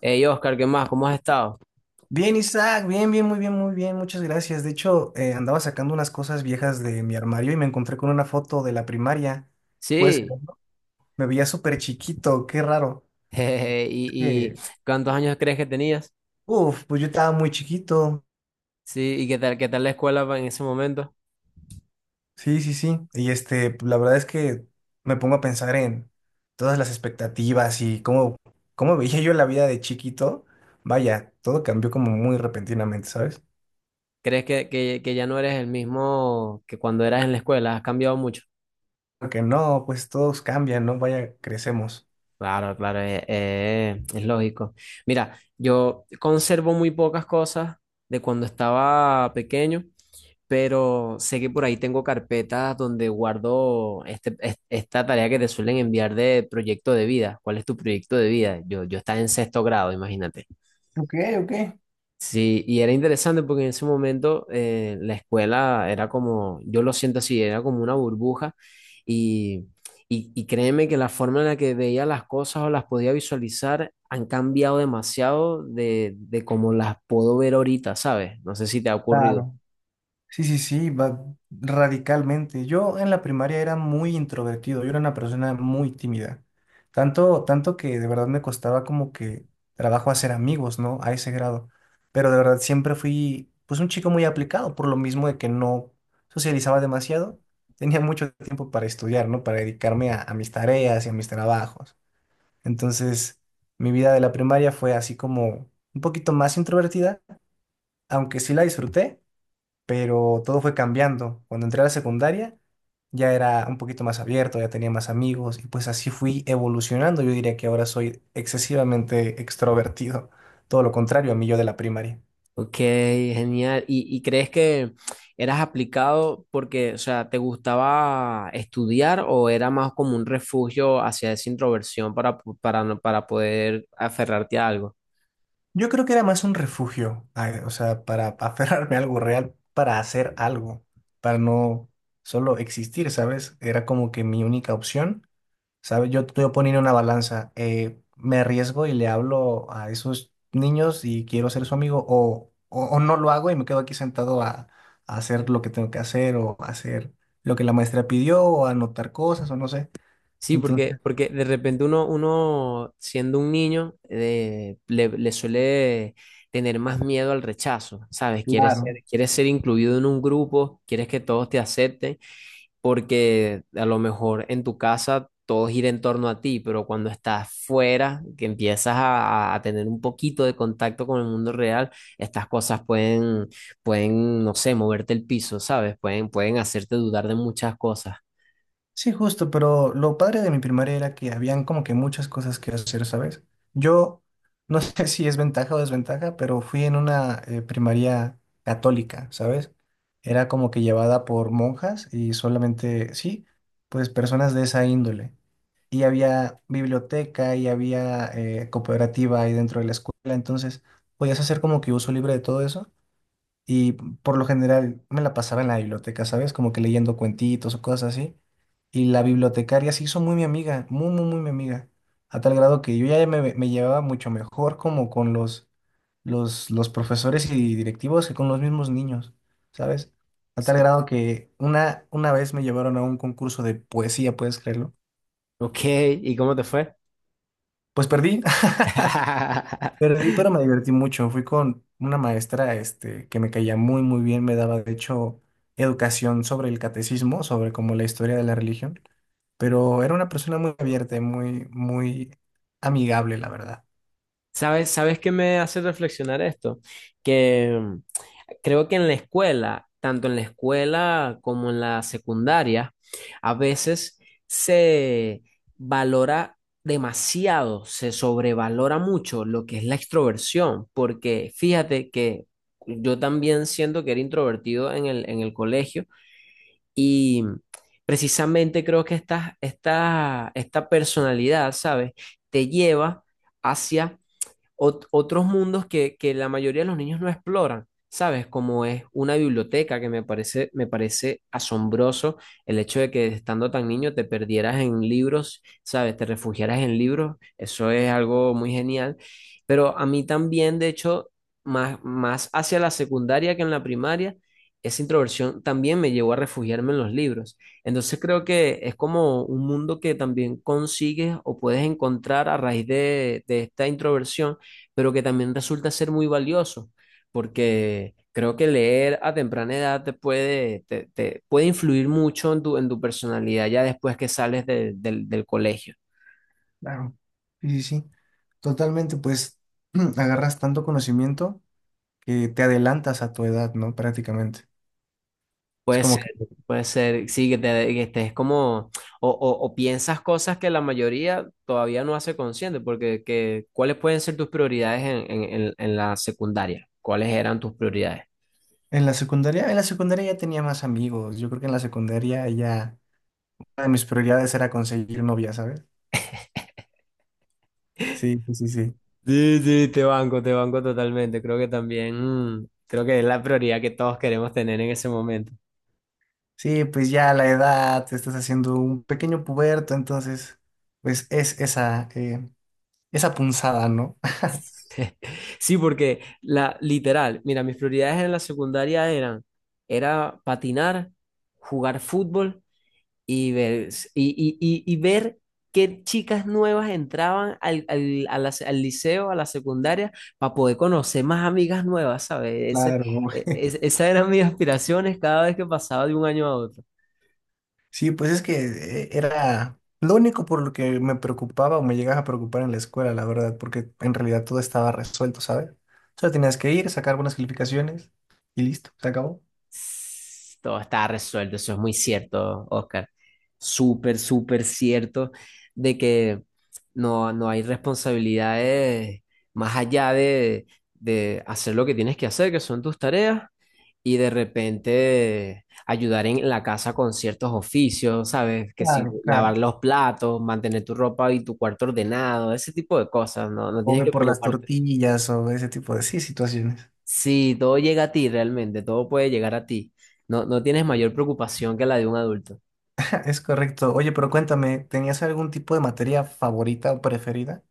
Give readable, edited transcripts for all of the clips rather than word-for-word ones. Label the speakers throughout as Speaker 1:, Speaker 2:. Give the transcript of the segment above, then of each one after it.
Speaker 1: Hey Oscar, ¿qué más? ¿Cómo has estado?
Speaker 2: Bien, Isaac, bien, bien, muy bien, muy bien, muchas gracias. De hecho, andaba sacando unas cosas viejas de mi armario y me encontré con una foto de la primaria. Pues
Speaker 1: Sí.
Speaker 2: me veía súper chiquito, qué raro.
Speaker 1: jejeje. ¿Y
Speaker 2: Es
Speaker 1: cuántos años crees que tenías?
Speaker 2: Uf, pues yo estaba muy chiquito.
Speaker 1: Sí. ¿Y qué tal la escuela en ese momento?
Speaker 2: Sí, sí, sí. Y pues, la verdad es que me pongo a pensar en todas las expectativas y cómo veía yo la vida de chiquito. Vaya, todo cambió como muy repentinamente, ¿sabes?
Speaker 1: ¿Crees que ya no eres el mismo que cuando eras en la escuela? ¿Has cambiado mucho?
Speaker 2: Porque no, pues todos cambian, ¿no? Vaya, crecemos.
Speaker 1: Claro, claro, es lógico. Mira, yo conservo muy pocas cosas de cuando estaba pequeño, pero sé que por ahí tengo carpetas donde guardo esta tarea que te suelen enviar de proyecto de vida. ¿Cuál es tu proyecto de vida? Yo estaba en sexto grado, imagínate.
Speaker 2: Ok, ok.
Speaker 1: Sí, y era interesante porque en ese momento la escuela era como, yo lo siento así, era como una burbuja y, y créeme que la forma en la que veía las cosas o las podía visualizar han cambiado demasiado de cómo las puedo ver ahorita, ¿sabes? No sé si te ha ocurrido.
Speaker 2: Claro. Sí, sí, sí, va radicalmente. Yo en la primaria era muy introvertido, yo era una persona muy tímida. Tanto, tanto que de verdad me costaba como que trabajo hacer amigos, ¿no? A ese grado. Pero de verdad siempre fui, pues, un chico muy aplicado, por lo mismo de que no socializaba demasiado. Tenía mucho tiempo para estudiar, ¿no? Para dedicarme a mis tareas y a mis trabajos. Entonces, mi vida de la primaria fue así como un poquito más introvertida, aunque sí la disfruté pero todo fue cambiando. Cuando entré a la secundaria ya era un poquito más abierto, ya tenía más amigos y pues así fui evolucionando. Yo diría que ahora soy excesivamente extrovertido, todo lo contrario a mí yo de la primaria.
Speaker 1: Ok, genial. ¿Y crees que eras aplicado porque, o sea, te gustaba estudiar o era más como un refugio hacia esa introversión para, no- para poder aferrarte a algo?
Speaker 2: Yo creo que era más un refugio, o sea, para aferrarme a algo real, para hacer algo, para no solo existir, ¿sabes? Era como que mi única opción. ¿Sabes? Yo estoy poniendo una balanza. Me arriesgo y le hablo a esos niños y quiero ser su amigo o no lo hago y me quedo aquí sentado a hacer lo que tengo que hacer o a hacer lo que la maestra pidió o a anotar cosas o no sé.
Speaker 1: Sí, porque,
Speaker 2: Entonces,
Speaker 1: porque de repente uno siendo un niño, le suele tener más miedo al rechazo, ¿sabes? Quieres ser,
Speaker 2: claro.
Speaker 1: quieres ser incluido en un grupo, quieres que todos te acepten, porque a lo mejor en tu casa todo gira en torno a ti, pero cuando estás fuera, que empiezas a tener un poquito de contacto con el mundo real, estas cosas pueden, no sé, moverte el piso, ¿sabes? Pueden hacerte dudar de muchas cosas.
Speaker 2: Sí, justo, pero lo padre de mi primaria era que habían como que muchas cosas que hacer, ¿sabes? Yo no sé si es ventaja o desventaja, pero fui en una primaria católica, ¿sabes? Era como que llevada por monjas y solamente, sí, pues personas de esa índole. Y había biblioteca y había cooperativa ahí dentro de la escuela, entonces podías hacer como que uso libre de todo eso. Y por lo general me la pasaba en la biblioteca, ¿sabes? Como que leyendo cuentitos o cosas así. Y la bibliotecaria se hizo muy mi amiga, muy, muy, muy mi amiga. A tal grado que yo ya me llevaba mucho mejor como con los profesores y directivos que con los mismos niños, ¿sabes? A tal
Speaker 1: Sí.
Speaker 2: grado que una vez me llevaron a un concurso de poesía, ¿puedes creerlo?
Speaker 1: Ok, ¿y cómo te fue?
Speaker 2: Pues perdí. Perdí, pero me divertí mucho. Fui con una maestra, este, que me caía muy, muy bien. Me daba, de hecho, educación sobre el catecismo, sobre como la historia de la religión. Pero era una persona muy abierta y muy, muy amigable, la verdad.
Speaker 1: ¿Sabes qué me hace reflexionar esto? Que creo que en la escuela, tanto en la escuela como en la secundaria, a veces se valora demasiado, se sobrevalora mucho lo que es la extroversión, porque fíjate que yo también siento que era introvertido en el colegio. Y precisamente creo que esta personalidad, ¿sabes? Te lleva hacia otros mundos que la mayoría de los niños no exploran, ¿sabes? Como es una biblioteca que me parece asombroso el hecho de que estando tan niño te perdieras en libros, ¿sabes? Te refugiaras en libros, eso es algo muy genial. Pero a mí también, de hecho, más hacia la secundaria que en la primaria, esa introversión también me llevó a refugiarme en los libros. Entonces creo que es como un mundo que también consigues o puedes encontrar a raíz de esta introversión pero que también resulta ser muy valioso, porque creo que leer a temprana edad te puede influir mucho en tu personalidad ya después que sales del colegio.
Speaker 2: Claro. Sí, sí, sí. Totalmente, pues, agarras tanto conocimiento que te adelantas a tu edad, ¿no? Prácticamente. Es
Speaker 1: Puede
Speaker 2: como
Speaker 1: ser,
Speaker 2: que
Speaker 1: puede ser, sí, que estés como, o piensas cosas que la mayoría todavía no hace consciente, porque que, ¿cuáles pueden ser tus prioridades en la secundaria? ¿Cuáles eran tus prioridades?
Speaker 2: en la secundaria ya tenía más amigos. Yo creo que en la secundaria ya una de mis prioridades era conseguir novia, ¿sabes? Sí, sí, sí, sí.
Speaker 1: Sí, sí, te banco totalmente. Creo que también, creo que es la prioridad que todos queremos tener en ese momento.
Speaker 2: Sí, pues ya la edad, te estás haciendo un pequeño puberto, entonces, pues es esa punzada, ¿no?
Speaker 1: Sí, porque la literal, mira, mis prioridades en la secundaria era patinar, jugar fútbol y ver, y, y ver qué chicas nuevas entraban al liceo, a la secundaria, para poder conocer más amigas nuevas, ¿sabes?
Speaker 2: Claro.
Speaker 1: Esas eran mis aspiraciones cada vez que pasaba de un año a otro.
Speaker 2: Sí, pues es que era lo único por lo que me preocupaba o me llegaba a preocupar en la escuela, la verdad, porque en realidad todo estaba resuelto, ¿sabes? Solo tenías que ir, sacar buenas calificaciones y listo, se acabó.
Speaker 1: Todo está resuelto, eso es muy cierto, Oscar. Súper, súper cierto de que no, no hay responsabilidades más allá de hacer lo que tienes que hacer, que son tus tareas, y de repente ayudar en la casa con ciertos oficios, ¿sabes? Que si
Speaker 2: Claro,
Speaker 1: lavar
Speaker 2: claro.
Speaker 1: los platos, mantener tu ropa y tu cuarto ordenado, ese tipo de cosas, no, no
Speaker 2: O
Speaker 1: tienes
Speaker 2: ve
Speaker 1: que
Speaker 2: por las
Speaker 1: preocuparte.
Speaker 2: tortillas o ese tipo de sí, situaciones.
Speaker 1: Sí, todo llega a ti realmente, todo puede llegar a ti. No, no tienes mayor preocupación que la de un adulto.
Speaker 2: Es correcto. Oye, pero cuéntame, ¿tenías algún tipo de materia favorita o preferida?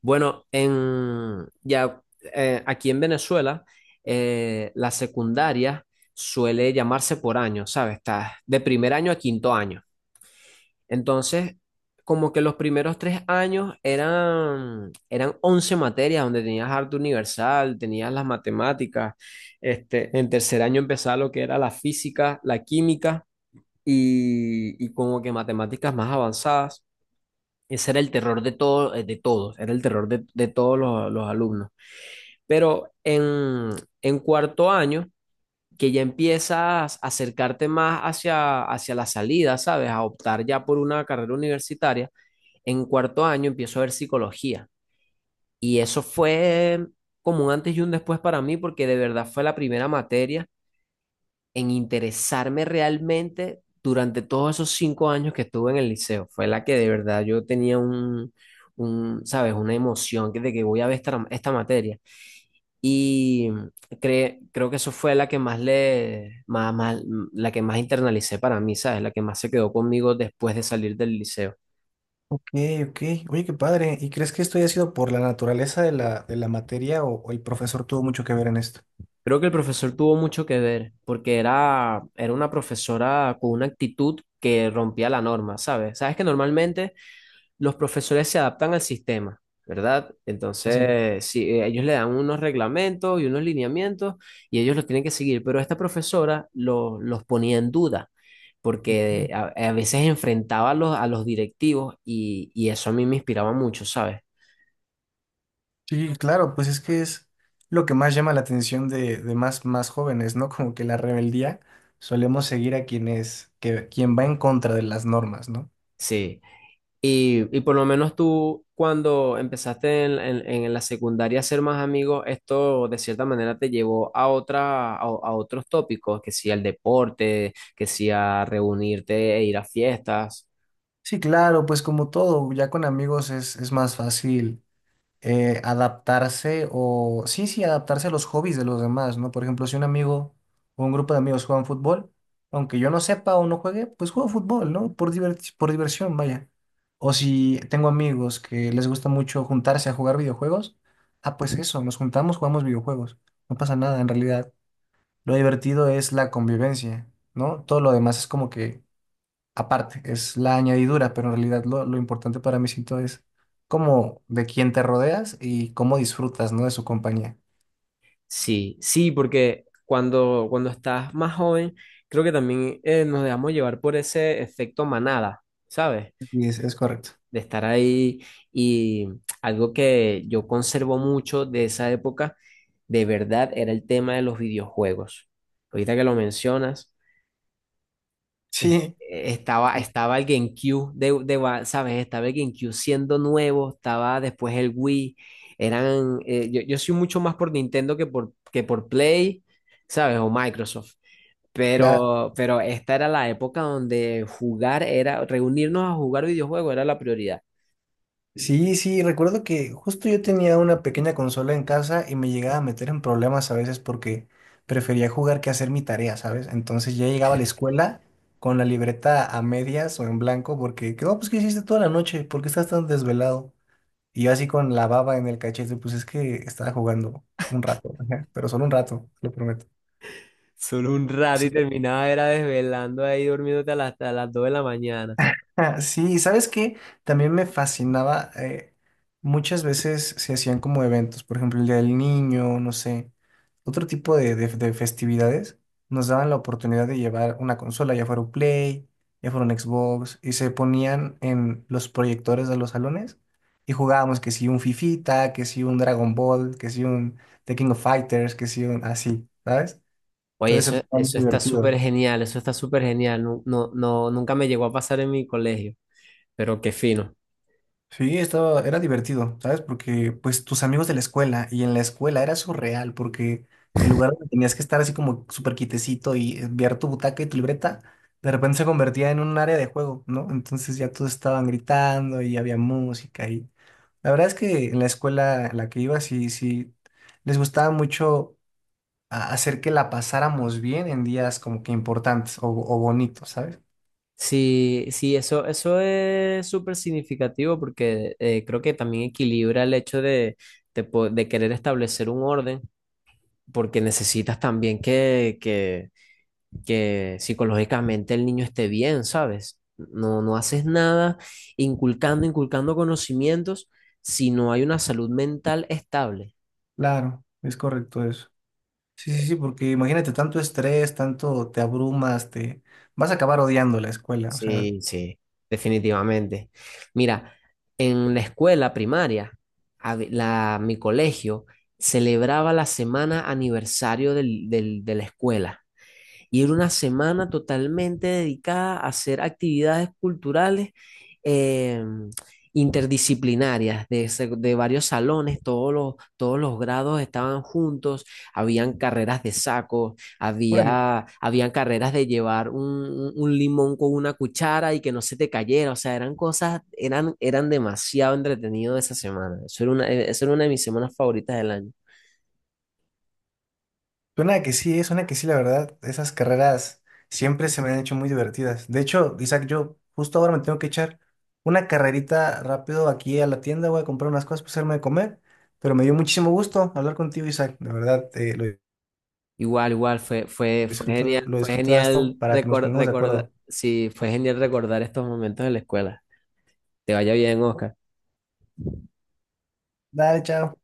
Speaker 1: Bueno, ya, aquí en Venezuela, la secundaria suele llamarse por año, ¿sabes? Estás de primer año a quinto año. Entonces, como que los primeros 3 años eran 11 materias donde tenías arte universal, tenías las matemáticas. En tercer año empezaba lo que era la física, la química y como que matemáticas más avanzadas. Ese era el terror de todo, de todos, era el terror de todos los alumnos. Pero en cuarto año, que ya empiezas a acercarte más hacia, hacia la salida, ¿sabes? A optar ya por una carrera universitaria, en cuarto año empiezo a ver psicología. Y eso fue como un antes y un después para mí, porque de verdad fue la primera materia en interesarme realmente durante todos esos 5 años que estuve en el liceo. Fue la que de verdad yo tenía un, ¿sabes? Una emoción de que voy a ver esta materia. Y creo que eso fue la que más le, más, más- la que más internalicé para mí, ¿sabes? La que más se quedó conmigo después de salir del liceo.
Speaker 2: Ok, ok. Oye, qué padre. ¿Y crees que esto haya sido por la naturaleza de de la materia o el profesor tuvo mucho que ver en esto?
Speaker 1: Creo que el profesor tuvo mucho que ver, porque era una profesora con una actitud que rompía la norma, ¿sabes? Sabes que normalmente los profesores se adaptan al sistema, ¿verdad?
Speaker 2: Así.
Speaker 1: Entonces, sí, ellos le dan unos reglamentos y unos lineamientos y ellos los tienen que seguir, pero esta profesora los ponía en duda porque
Speaker 2: Es.
Speaker 1: a veces enfrentaba a los directivos y eso a mí me inspiraba mucho, ¿sabes?
Speaker 2: Sí, claro, pues es que es lo que más llama la atención de más, más jóvenes, ¿no? Como que la rebeldía solemos seguir a quien es, que, quien va en contra de las normas, ¿no?
Speaker 1: Sí. Y por lo menos tú, cuando empezaste en la secundaria a ser más amigos, esto de cierta manera te llevó a otra, a otros tópicos, que si al deporte, que si a reunirte e ir a fiestas.
Speaker 2: Sí, claro, pues como todo, ya con amigos es más fácil adaptarse sí, sí, adaptarse a los hobbies de los demás, ¿no? Por ejemplo, si un amigo o un grupo de amigos juegan fútbol, aunque yo no sepa o no juegue, pues juego fútbol, ¿no? Por diversión, vaya. O si tengo amigos que les gusta mucho juntarse a jugar videojuegos, ah, pues eso, nos juntamos, jugamos videojuegos. No pasa nada, en realidad. Lo divertido es la convivencia, ¿no? Todo lo demás es como que aparte, es la añadidura, pero en realidad lo importante para mí siento es como de quién te rodeas y cómo disfrutas, ¿no? De su compañía.
Speaker 1: Sí, sí, porque cuando estás más joven, creo que también nos dejamos llevar por ese efecto manada, ¿sabes?
Speaker 2: Y es correcto.
Speaker 1: De estar ahí y algo que yo conservo mucho de esa época, de verdad, era el tema de los videojuegos. Ahorita que lo mencionas, es-
Speaker 2: Sí.
Speaker 1: estaba, estaba el GameCube ¿sabes? Estaba el GameCube siendo nuevo, estaba después el Wii. Yo soy mucho más por Nintendo que por Play, ¿sabes? O Microsoft.
Speaker 2: Claro.
Speaker 1: Pero esta era la época donde reunirnos a jugar videojuegos era la prioridad.
Speaker 2: Sí, sí, recuerdo que justo yo tenía una pequeña consola en casa y me llegaba a meter en problemas a veces porque prefería jugar que hacer mi tarea, ¿sabes? Entonces ya llegaba a la escuela con la libreta a medias o en blanco porque, ¿qué, no, pues, ¿qué hiciste toda la noche? ¿Por qué estás tan desvelado? Y yo así con la baba en el cachete, pues es que estaba jugando un rato, ajá, pero solo un rato, lo prometo.
Speaker 1: Solo un rato y
Speaker 2: Sí.
Speaker 1: terminaba era desvelando ahí durmiéndote hasta las 2 de la mañana.
Speaker 2: Ah, sí, y sabes que también me fascinaba, muchas veces se hacían como eventos, por ejemplo, el Día del Niño, no sé, otro tipo de, de festividades, nos daban la oportunidad de llevar una consola, ya fuera un Play, ya fuera un Xbox, y se ponían en los proyectores de los salones y jugábamos que si un Fifita, que si un Dragon Ball, que si un The King of Fighters, que si un así, ¿sabes?
Speaker 1: Oye,
Speaker 2: Entonces se
Speaker 1: eso,
Speaker 2: ponía
Speaker 1: eso
Speaker 2: muy
Speaker 1: está súper
Speaker 2: divertido.
Speaker 1: genial, eso está súper genial. No, no, no, nunca me llegó a pasar en mi colegio, pero qué fino.
Speaker 2: Sí, estaba, era divertido, ¿sabes? Porque pues tus amigos de la escuela y en la escuela era surreal porque el lugar donde tenías que estar así como súper quitecito y enviar tu butaca y tu libreta, de repente se convertía en un área de juego, ¿no? Entonces ya todos estaban gritando y había música y la verdad es que en la escuela a la que iba sí, sí, les gustaba mucho hacer que la pasáramos bien en días como que importantes o bonitos, ¿sabes?
Speaker 1: Sí, sí, eso es súper significativo porque creo que también equilibra el hecho de querer establecer un orden, porque necesitas también que psicológicamente el niño esté bien, ¿sabes? No, no haces nada inculcando conocimientos si no hay una salud mental estable.
Speaker 2: Claro, es correcto eso. Sí, sí, sí, porque imagínate tanto estrés, tanto te abrumas, te vas a acabar odiando la escuela. O sea,
Speaker 1: Sí, sí, definitivamente. Mira, en la escuela primaria, mi colegio celebraba la semana aniversario de la escuela. Y era una semana totalmente dedicada a hacer actividades culturales eh, interdisciplinarias de varios salones, todos los grados estaban juntos, habían carreras de saco,
Speaker 2: órale.
Speaker 1: habían carreras de llevar un limón con una cuchara y que no se te cayera, o sea, eran demasiado entretenidos esa semana. Eso era una de mis semanas favoritas del año.
Speaker 2: Suena que sí, suena que sí, la verdad. Esas carreras siempre se me han hecho muy divertidas. De hecho, Isaac, yo justo ahora me tengo que echar una carrerita rápido aquí a la tienda, voy a comprar unas cosas para hacerme de comer. Pero me dio muchísimo gusto hablar contigo, Isaac. De verdad, lo
Speaker 1: Igual, igual, fue, fue, fue
Speaker 2: disfruto,
Speaker 1: genial,
Speaker 2: lo
Speaker 1: fue
Speaker 2: disfruté hasta
Speaker 1: genial
Speaker 2: para que nos
Speaker 1: recordar,
Speaker 2: pongamos de
Speaker 1: recordar,
Speaker 2: acuerdo.
Speaker 1: sí, fue genial recordar estos momentos de la escuela. Te vaya bien, Oscar.
Speaker 2: Dale, chao.